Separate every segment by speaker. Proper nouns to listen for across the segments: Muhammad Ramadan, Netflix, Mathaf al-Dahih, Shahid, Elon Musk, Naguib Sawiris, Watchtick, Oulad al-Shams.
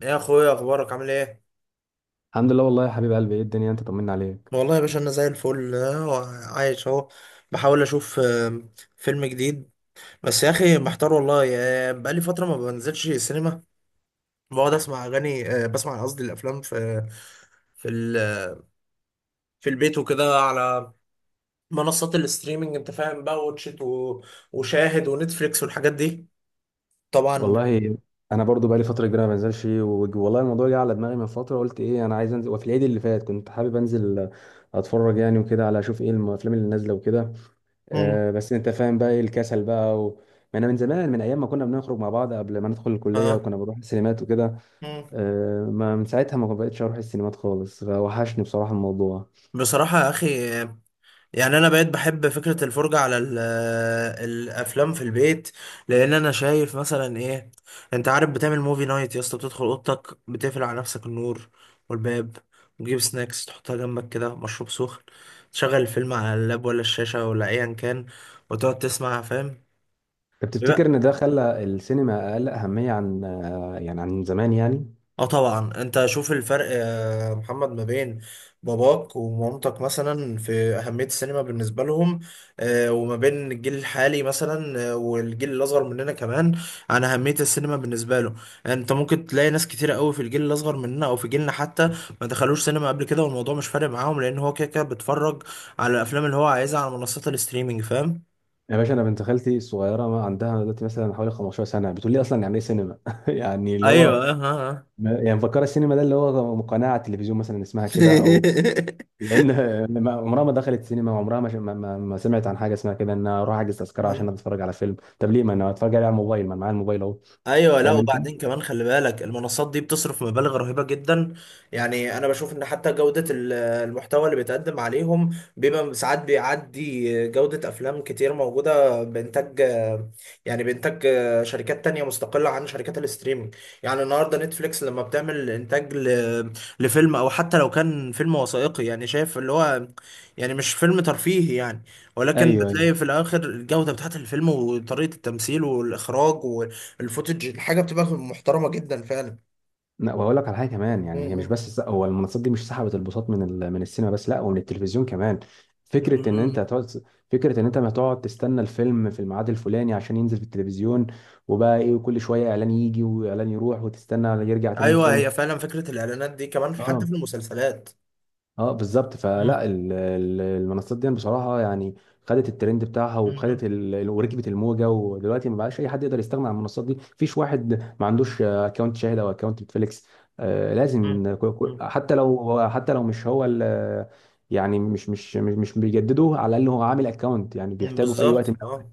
Speaker 1: يا اخويا، اخبارك عامل ايه؟
Speaker 2: الحمد لله والله يا حبيب قلبي، ايه الدنيا؟ انت طمنا عليك.
Speaker 1: والله يا باشا انا زي الفل، عايش اهو. بحاول اشوف فيلم جديد، بس يا اخي محتار والله. بقالي فتره ما بنزلش السينما. بقعد اسمع اغاني، بسمع قصدي الافلام في في ال- في البيت وكده، على منصات الاستريمنج، انت فاهم بقى، واتشيت وشاهد ونتفليكس والحاجات دي، طبعا.
Speaker 2: والله انا برضو بقالي فتره كبيره ما بنزلش والله الموضوع جه على دماغي من فتره، قلت ايه، انا عايز انزل، وفي العيد اللي فات كنت حابب انزل اتفرج يعني وكده، على اشوف ايه الافلام اللي نازله وكده.
Speaker 1: مم.
Speaker 2: آه بس انت فاهم بقى ايه الكسل بقى ما انا من زمان، من ايام ما كنا بنخرج مع بعض قبل ما ندخل الكليه،
Speaker 1: اه.
Speaker 2: وكنا بنروح السينمات وكده.
Speaker 1: مم.
Speaker 2: آه ما من ساعتها ما بقتش اروح السينمات خالص، فوحشني بصراحه الموضوع.
Speaker 1: بصراحه يا اخي، يعني انا بقيت بحب فكرة الفرجة على الافلام في البيت، لان انا شايف مثلا ايه، انت عارف بتعمل موفي نايت يا اسطى، بتدخل اوضتك بتقفل على نفسك النور والباب، وتجيب سناكس تحطها جنبك كده، مشروب سخن، تشغل الفيلم على اللاب ولا الشاشة ولا ايا كان، وتقعد تسمع، فاهم.
Speaker 2: طب تفتكر ان ده خلى السينما اقل اهميه عن يعني عن زمان يعني؟
Speaker 1: اه طبعا، انت شوف الفرق يا محمد ما بين باباك ومامتك مثلا في اهميه السينما بالنسبه لهم، وما بين الجيل الحالي مثلا، والجيل الاصغر مننا كمان، عن اهميه السينما بالنسبه له. انت ممكن تلاقي ناس كتيره قوي في الجيل الاصغر مننا او في جيلنا حتى ما دخلوش سينما قبل كده، والموضوع مش فارق معاهم، لان هو كده كده بيتفرج على الافلام اللي هو عايزها على منصات الاستريمنج، فاهم.
Speaker 2: يا باشا، انا بنت خالتي الصغيره ما عندها دلوقتي مثلا حوالي 15 سنه بتقول لي اصلا يعني ايه سينما؟ يعني اللي هو
Speaker 1: ايوه، ها.
Speaker 2: يعني مفكره السينما ده اللي هو قناه على التلفزيون مثلا اسمها كده او، لان عمرها ما دخلت سينما، وعمرها ما, ش- ما, ما ما سمعت عن حاجه اسمها كده ان أنا اروح احجز تذكره عشان اتفرج على فيلم. طب ليه ما انا اتفرج عليه على الموبايل؟ ما أنا معايا الموبايل اهو.
Speaker 1: ايوه، لا
Speaker 2: فاهم انت؟
Speaker 1: وبعدين كمان خلي بالك المنصات دي بتصرف مبالغ رهيبه جدا. يعني انا بشوف ان حتى جوده المحتوى اللي بيتقدم عليهم بيبقى ساعات بيعدي جوده افلام كتير موجوده بانتاج، يعني بانتاج شركات تانية مستقله عن شركات الاستريمنج. يعني النهارده نتفليكس لما بتعمل انتاج لفيلم، او حتى لو كان فيلم وثائقي، يعني شايف اللي هو، يعني مش فيلم ترفيهي يعني، ولكن
Speaker 2: ايوه ايوه.
Speaker 1: بتلاقي في الاخر الجوده بتاعت الفيلم وطريقه التمثيل والاخراج، الفوتج، الحاجه بتبقى محترمه جدا فعلا.
Speaker 2: لا، وهقول لك على حاجه كمان. يعني هي مش
Speaker 1: م-
Speaker 2: بس هو المنصات دي مش سحبت البساط من السينما بس، لا ومن التلفزيون كمان.
Speaker 1: م.
Speaker 2: فكره ان انت
Speaker 1: م.
Speaker 2: هتقعد، فكره ان انت ما تقعد تستنى الفيلم في الميعاد الفلاني عشان ينزل في التلفزيون، وبقى ايه وكل شويه اعلان يجي واعلان يروح وتستنى يرجع تاني
Speaker 1: ايوه،
Speaker 2: الفيلم.
Speaker 1: هي فعلا فكره الاعلانات دي كمان حتى
Speaker 2: اه
Speaker 1: في المسلسلات.
Speaker 2: اه بالظبط.
Speaker 1: مم.
Speaker 2: فلا المنصات دي بصراحه يعني خدت الترند بتاعها
Speaker 1: مم.
Speaker 2: وخدت وركبت الموجه، ودلوقتي ما بقاش اي حد يقدر يستغنى عن المنصات دي، مفيش واحد ما عندوش اكونت شاهد او اكونت نتفليكس. آه
Speaker 1: مم.
Speaker 2: لازم
Speaker 1: مم.
Speaker 2: حتى لو، حتى لو مش هو يعني مش بيجددوه، على الاقل هو عامل اكونت يعني
Speaker 1: م،
Speaker 2: بيحتاجه في اي
Speaker 1: بالظبط،
Speaker 2: وقت من الاوقات.
Speaker 1: اه.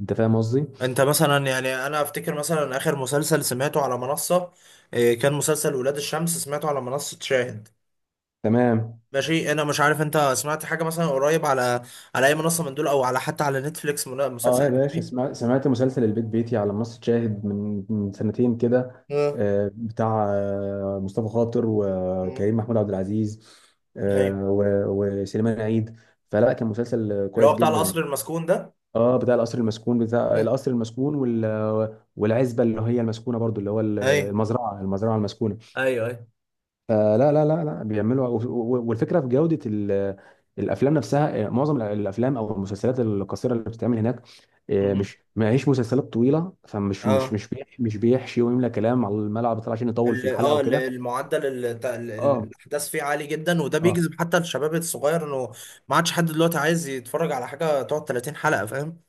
Speaker 2: انت فاهم قصدي؟
Speaker 1: انت مثلا، يعني انا افتكر مثلا اخر مسلسل سمعته على منصه، كان مسلسل ولاد الشمس، سمعته على منصه شاهد.
Speaker 2: تمام.
Speaker 1: ماشي، انا مش عارف انت سمعت حاجه مثلا قريب على على اي منصه من دول، او على حتى على نتفليكس
Speaker 2: اه
Speaker 1: مسلسل
Speaker 2: يا باشا
Speaker 1: اجنبي.
Speaker 2: سمعت مسلسل البيت بيتي على منصة شاهد من سنتين كده،
Speaker 1: اه.
Speaker 2: بتاع مصطفى خاطر
Speaker 1: م.
Speaker 2: وكريم محمود عبد العزيز،
Speaker 1: ايوه،
Speaker 2: آه، و- وسليمان عيد. فلا كان مسلسل
Speaker 1: اللي هو
Speaker 2: كويس
Speaker 1: بتاع
Speaker 2: جدا.
Speaker 1: القصر المسكون ده.
Speaker 2: اه بتاع القصر المسكون، بتاع
Speaker 1: م.
Speaker 2: القصر المسكون والعزبة اللي هي المسكونة برضو، اللي هو
Speaker 1: ايوه.
Speaker 2: المزرعة المسكونة.
Speaker 1: ايوه.
Speaker 2: فلا لا لا لا بيعملوا، والفكره في جوده الافلام نفسها. معظم الافلام او المسلسلات القصيره اللي بتتعمل هناك،
Speaker 1: مم.
Speaker 2: مش ما هيش مسلسلات طويله، فمش مش
Speaker 1: اه،
Speaker 2: مش بيح- مش بيحشي ويملى كلام على الملعب بتاع عشان يطول في
Speaker 1: ال-
Speaker 2: الحلقه
Speaker 1: اه ال-
Speaker 2: وكده.
Speaker 1: المعدل ال- ت- ال- ال-
Speaker 2: اه
Speaker 1: الاحداث فيه عالي جدا، وده
Speaker 2: اه
Speaker 1: بيجذب حتى الشباب الصغير انه ما عادش حد دلوقتي عايز يتفرج على حاجه تقعد 30 حلقه، فاهم.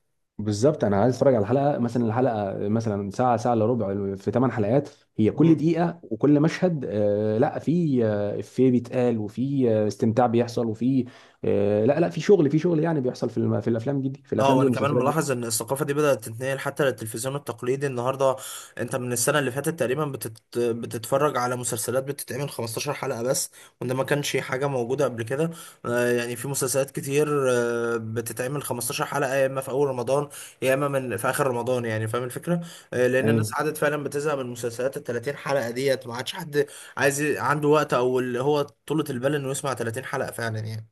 Speaker 2: بالظبط. انا عايز اتفرج على حلقه مثلا، الحلقه مثلا ساعه، ساعه الا ربع، في 8 حلقات. هي كل دقيقه وكل مشهد لا، في افيه بيتقال وفي استمتاع بيحصل وفي لا لا، في شغل، في شغل يعني بيحصل في في الافلام في
Speaker 1: اه،
Speaker 2: الافلام دي
Speaker 1: وانا كمان
Speaker 2: والمسلسلات دي.
Speaker 1: ملاحظ ان الثقافه دي بدات تتنقل حتى للتلفزيون التقليدي النهارده. انت من السنه اللي فاتت تقريبا بتتفرج على مسلسلات بتتعمل 15 حلقه بس، وده ما كانش حاجه موجوده قبل كده. يعني في مسلسلات كتير، بتتعمل 15 حلقه يا اما في اول رمضان، يا اما من في اخر رمضان، يعني فاهم الفكره. لان الناس
Speaker 2: ايوه
Speaker 1: عادت فعلا بتزهق من مسلسلات ال 30 حلقه ديت، ما عادش حد عايز عنده وقت، او اللي هو طولة البال انه يسمع 30 حلقه فعلا يعني.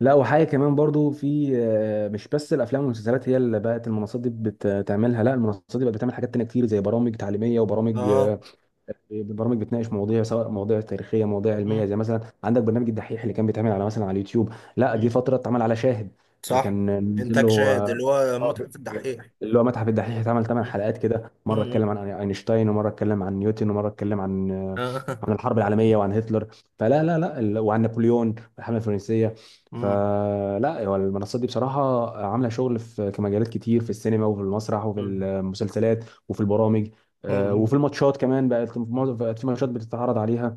Speaker 2: لا، وحاجه كمان برضو في، مش بس الافلام والمسلسلات هي اللي بقت المنصات دي بتعملها، لا، المنصات دي بقت بتعمل حاجات تانية كتير زي برامج تعليميه وبرامج،
Speaker 1: اه.
Speaker 2: البرامج بتناقش مواضيع، سواء مواضيع تاريخيه، مواضيع علميه، زي مثلا عندك برنامج الدحيح اللي كان بيتعمل على مثلا على اليوتيوب، لا جه
Speaker 1: مم.
Speaker 2: فتره اتعمل على شاهد.
Speaker 1: صح،
Speaker 2: كان نزل له
Speaker 1: انتاج شاهد اللي هو
Speaker 2: آه،
Speaker 1: متحف الدحيح.
Speaker 2: اللي هو متحف الدحيح، اتعمل ثمان
Speaker 1: مم.
Speaker 2: حلقات كده. مره اتكلم
Speaker 1: مم.
Speaker 2: عن اينشتاين، ومره اتكلم عن نيوتن، ومره اتكلم عن عن
Speaker 1: آه.
Speaker 2: الحرب العالميه وعن هتلر. فلا لا لا ال- وعن نابليون والحمله الفرنسيه.
Speaker 1: مم.
Speaker 2: فلا هو المنصات دي بصراحه عامله شغل في مجالات كتير، في السينما وفي المسرح وفي
Speaker 1: مم.
Speaker 2: المسلسلات وفي البرامج، وفي
Speaker 1: مم.
Speaker 2: الماتشات كمان، بقت في ماتشات بتتعرض عليها.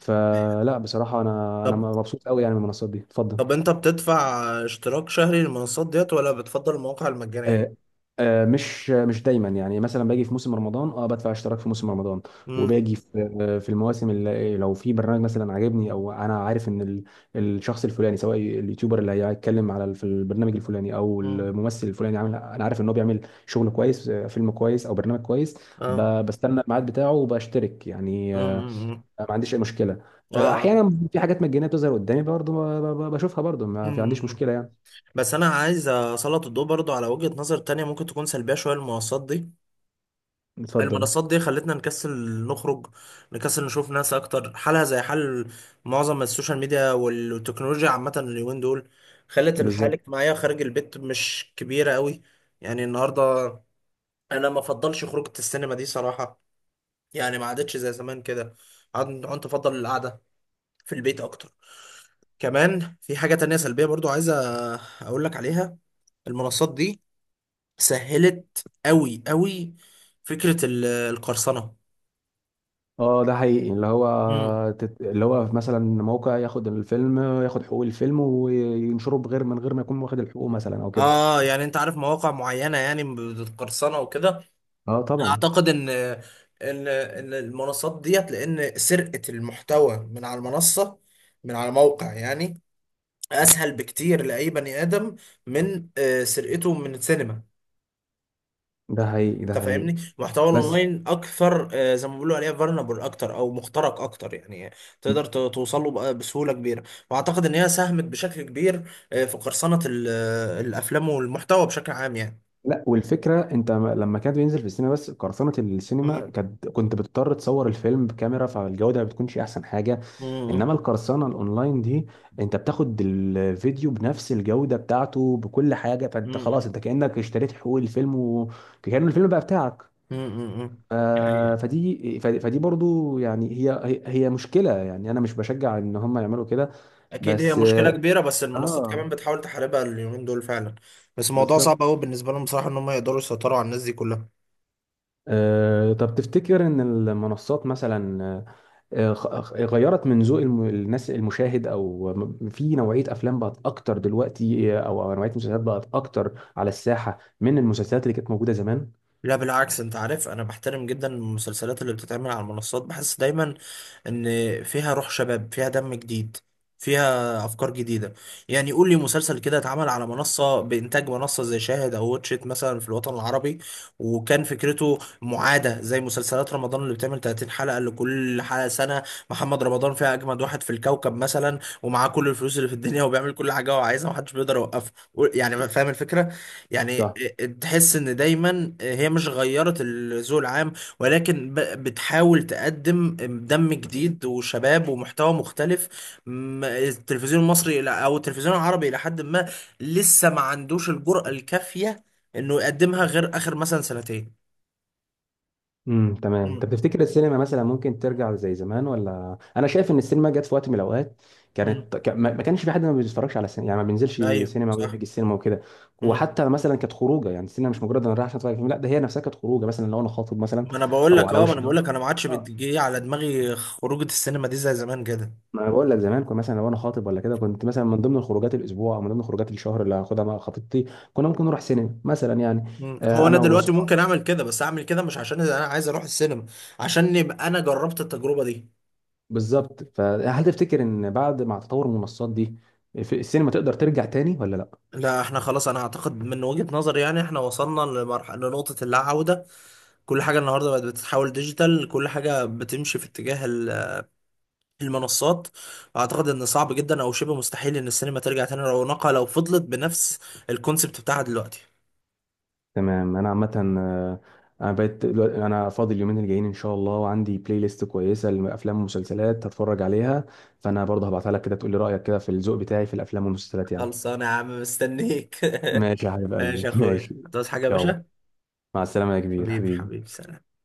Speaker 2: فلا بصراحه انا
Speaker 1: طب،
Speaker 2: مبسوط قوي يعني من المنصات دي. اتفضل.
Speaker 1: انت بتدفع اشتراك شهري للمنصات ديت، ولا بتفضل المواقع المجانية؟
Speaker 2: آه، مش دايما يعني. مثلا باجي في موسم رمضان، اه بدفع اشتراك في موسم رمضان،
Speaker 1: مم.
Speaker 2: وباجي في في المواسم اللي لو في برنامج مثلا عاجبني، او انا عارف ان الشخص الفلاني، سواء اليوتيوبر اللي هيتكلم على في البرنامج الفلاني، او
Speaker 1: مم.
Speaker 2: الممثل الفلاني. عامل، انا عارف ان هو بيعمل شغل كويس، فيلم كويس او برنامج كويس،
Speaker 1: اه.
Speaker 2: بستنى الميعاد بتاعه وبشترك يعني.
Speaker 1: مم. مم.
Speaker 2: ما عنديش اي مشكله.
Speaker 1: اه.
Speaker 2: احيانا في حاجات مجانيه بتظهر قدامي برضه، بشوفها برضه، ما في عنديش
Speaker 1: مم.
Speaker 2: مشكله يعني.
Speaker 1: بس انا عايز اسلط الضوء برضو على وجهة نظر تانية ممكن تكون سلبية شوية للمنصات دي.
Speaker 2: اتفضل.
Speaker 1: المنصات دي خلتنا نكسل نخرج، نكسل نشوف ناس اكتر، حالها زي حال معظم السوشيال ميديا والتكنولوجيا عامة اليومين دول، خلت الحياة
Speaker 2: بالظبط.
Speaker 1: الاجتماعية خارج البيت مش كبيرة قوي. يعني النهاردة انا ما افضلش خروجة السينما دي صراحة، يعني ما عادتش زي زمان كده. عدت افضل القعدة في البيت اكتر. كمان في حاجة تانية سلبية برضو عايزة اقول لك عليها، المنصات دي سهلت قوي قوي فكرة القرصنة.
Speaker 2: اه ده حقيقي، اللي هو
Speaker 1: مم.
Speaker 2: اللي هو مثلا موقع ياخد الفيلم، ياخد حقوق الفيلم وينشره بغير، من غير ما يكون واخد الحقوق مثلا او كده.
Speaker 1: اه، يعني انت عارف مواقع معينة يعني بتقرصنة وكده.
Speaker 2: اه طبعا.
Speaker 1: اعتقد ان المنصات ديت، لان سرقة المحتوى من على المنصة، من على موقع يعني، اسهل بكتير لاي بني ادم من سرقته من السينما.
Speaker 2: ده حقيقي، ده
Speaker 1: انت
Speaker 2: حقيقي.
Speaker 1: فاهمني، محتوى
Speaker 2: بس
Speaker 1: الاونلاين اكثر، زي ما بيقولوا عليه، فولنربل اكتر او مخترق اكتر يعني، تقدر توصل له بسهولة كبيرة. واعتقد ان هي ساهمت بشكل كبير في قرصنة الافلام والمحتوى بشكل عام
Speaker 2: لا والفكره، انت لما كان بينزل في السينما بس، قرصنه السينما
Speaker 1: يعني.
Speaker 2: كانت كنت بتضطر تصور الفيلم بكاميرا، فالجوده ما بتكونش احسن حاجه. انما
Speaker 1: مم.
Speaker 2: القرصنه الاونلاين دي، انت بتاخد الفيديو بنفس الجوده بتاعته بكل حاجه، فانت
Speaker 1: مم.
Speaker 2: خلاص انت كانك اشتريت حقوق الفيلم وكأن الفيلم بقى بتاعك.
Speaker 1: مم. مم.
Speaker 2: ف-
Speaker 1: دي حقيقة.
Speaker 2: فدي برضو يعني، هي مشكله يعني، انا مش بشجع ان هم يعملوا كده
Speaker 1: اكيد هي
Speaker 2: بس.
Speaker 1: مشكله
Speaker 2: اه
Speaker 1: كبيره، بس المنصات
Speaker 2: آه،
Speaker 1: كمان بتحاول تحاربها اليومين دول فعلا، بس الموضوع صعب
Speaker 2: بالظبط.
Speaker 1: قوي بالنسبه لهم بصراحه ان هم يقدروا يسيطروا على الناس دي كلها.
Speaker 2: طب تفتكر ان المنصات مثلا غيرت من ذوق الناس المشاهد، او في نوعيه افلام بقت اكتر دلوقتي، او أو نوعيه مسلسلات بقت اكتر على الساحه من المسلسلات اللي كانت موجوده زمان؟
Speaker 1: لا بالعكس، انت عارف انا بحترم جدا المسلسلات اللي بتتعمل على المنصات، بحس دايما ان فيها روح شباب، فيها دم جديد، فيها افكار جديده. يعني قول لي مسلسل كده اتعمل على منصه بانتاج منصه زي شاهد او واتشيت مثلا في الوطن العربي، وكان فكرته معاده زي مسلسلات رمضان اللي بتعمل 30 حلقه، اللي كل حلقه سنه، محمد رمضان فيها اجمد واحد في الكوكب مثلا، ومعاه كل الفلوس اللي في الدنيا، وبيعمل كل حاجه هو عايزها، ومحدش بيقدر يوقفه، يعني فاهم الفكره يعني.
Speaker 2: صح.
Speaker 1: تحس ان دايما هي مش غيرت الذوق العام، ولكن بتحاول تقدم دم جديد وشباب ومحتوى مختلف. التلفزيون المصري او التلفزيون العربي الى حد ما لسه ما عندوش الجرأة الكافية انه يقدمها، غير اخر مثلا سنتين.
Speaker 2: تمام. طب
Speaker 1: مم.
Speaker 2: تفتكر السينما مثلا ممكن ترجع زي زمان؟ ولا انا شايف ان السينما جت في وقت من الاوقات
Speaker 1: مم.
Speaker 2: كانت ما كانش في حد ما بيتفرجش على السينما، يعني ما بينزلش
Speaker 1: ايوه
Speaker 2: سينما
Speaker 1: صح.
Speaker 2: ويحج السينما وكده.
Speaker 1: مم.
Speaker 2: وحتى مثلا كانت خروجه، يعني السينما مش مجرد انا رايح عشان اتفرج على فيلم، لا ده هي نفسها كانت خروجه، مثلا لو انا خاطب مثلا
Speaker 1: ما انا بقول
Speaker 2: او
Speaker 1: لك،
Speaker 2: على
Speaker 1: اه ما
Speaker 2: وش
Speaker 1: انا بقول
Speaker 2: جواز.
Speaker 1: لك، انا ما عادش بتجي على دماغي خروجه السينما دي زي زمان كده.
Speaker 2: ما انا بقول لك زمان كنت مثلا لو انا خاطب ولا كده، كنت مثلا من ضمن الخروجات الاسبوع او من ضمن خروجات الشهر اللي هاخدها مع خطيبتي، كنا ممكن نروح سينما مثلا يعني.
Speaker 1: هو انا
Speaker 2: انا
Speaker 1: دلوقتي
Speaker 2: وصحابي.
Speaker 1: ممكن اعمل كده، بس اعمل كده مش عشان انا عايز اروح السينما، عشان يبقى انا جربت التجربه دي.
Speaker 2: بالظبط. فهل تفتكر ان بعد مع تطور المنصات دي في السينما تقدر ترجع تاني ولا لا؟
Speaker 1: لا احنا خلاص، انا اعتقد من وجهة نظري يعني احنا وصلنا لمرحلة، لنقطة اللا عودة. كل حاجة النهاردة بقت بتتحول ديجيتال، كل حاجة بتمشي في اتجاه المنصات. اعتقد ان صعب جدا او شبه مستحيل ان السينما ترجع تاني رونقها لو فضلت بنفس الكونسبت بتاعها دلوقتي.
Speaker 2: تمام. انا عامه آه، انا بقيت انا فاضي اليومين الجايين ان شاء الله، وعندي بلاي ليست كويسه لافلام ومسلسلات هتفرج عليها. فانا برضه هبعتها لك كده، تقول لي رايك كده في الذوق بتاعي في الافلام والمسلسلات يعني.
Speaker 1: خلصانة يا عم، مستنيك.
Speaker 2: ماشي يا حبيب قلبي.
Speaker 1: ماشي يا اخويا،
Speaker 2: ماشي.
Speaker 1: هتعوز حاجة يا
Speaker 2: يلا.
Speaker 1: باشا؟
Speaker 2: مع السلامه يا كبير،
Speaker 1: حبيبي،
Speaker 2: حبيبي.
Speaker 1: حبيبي، سلام.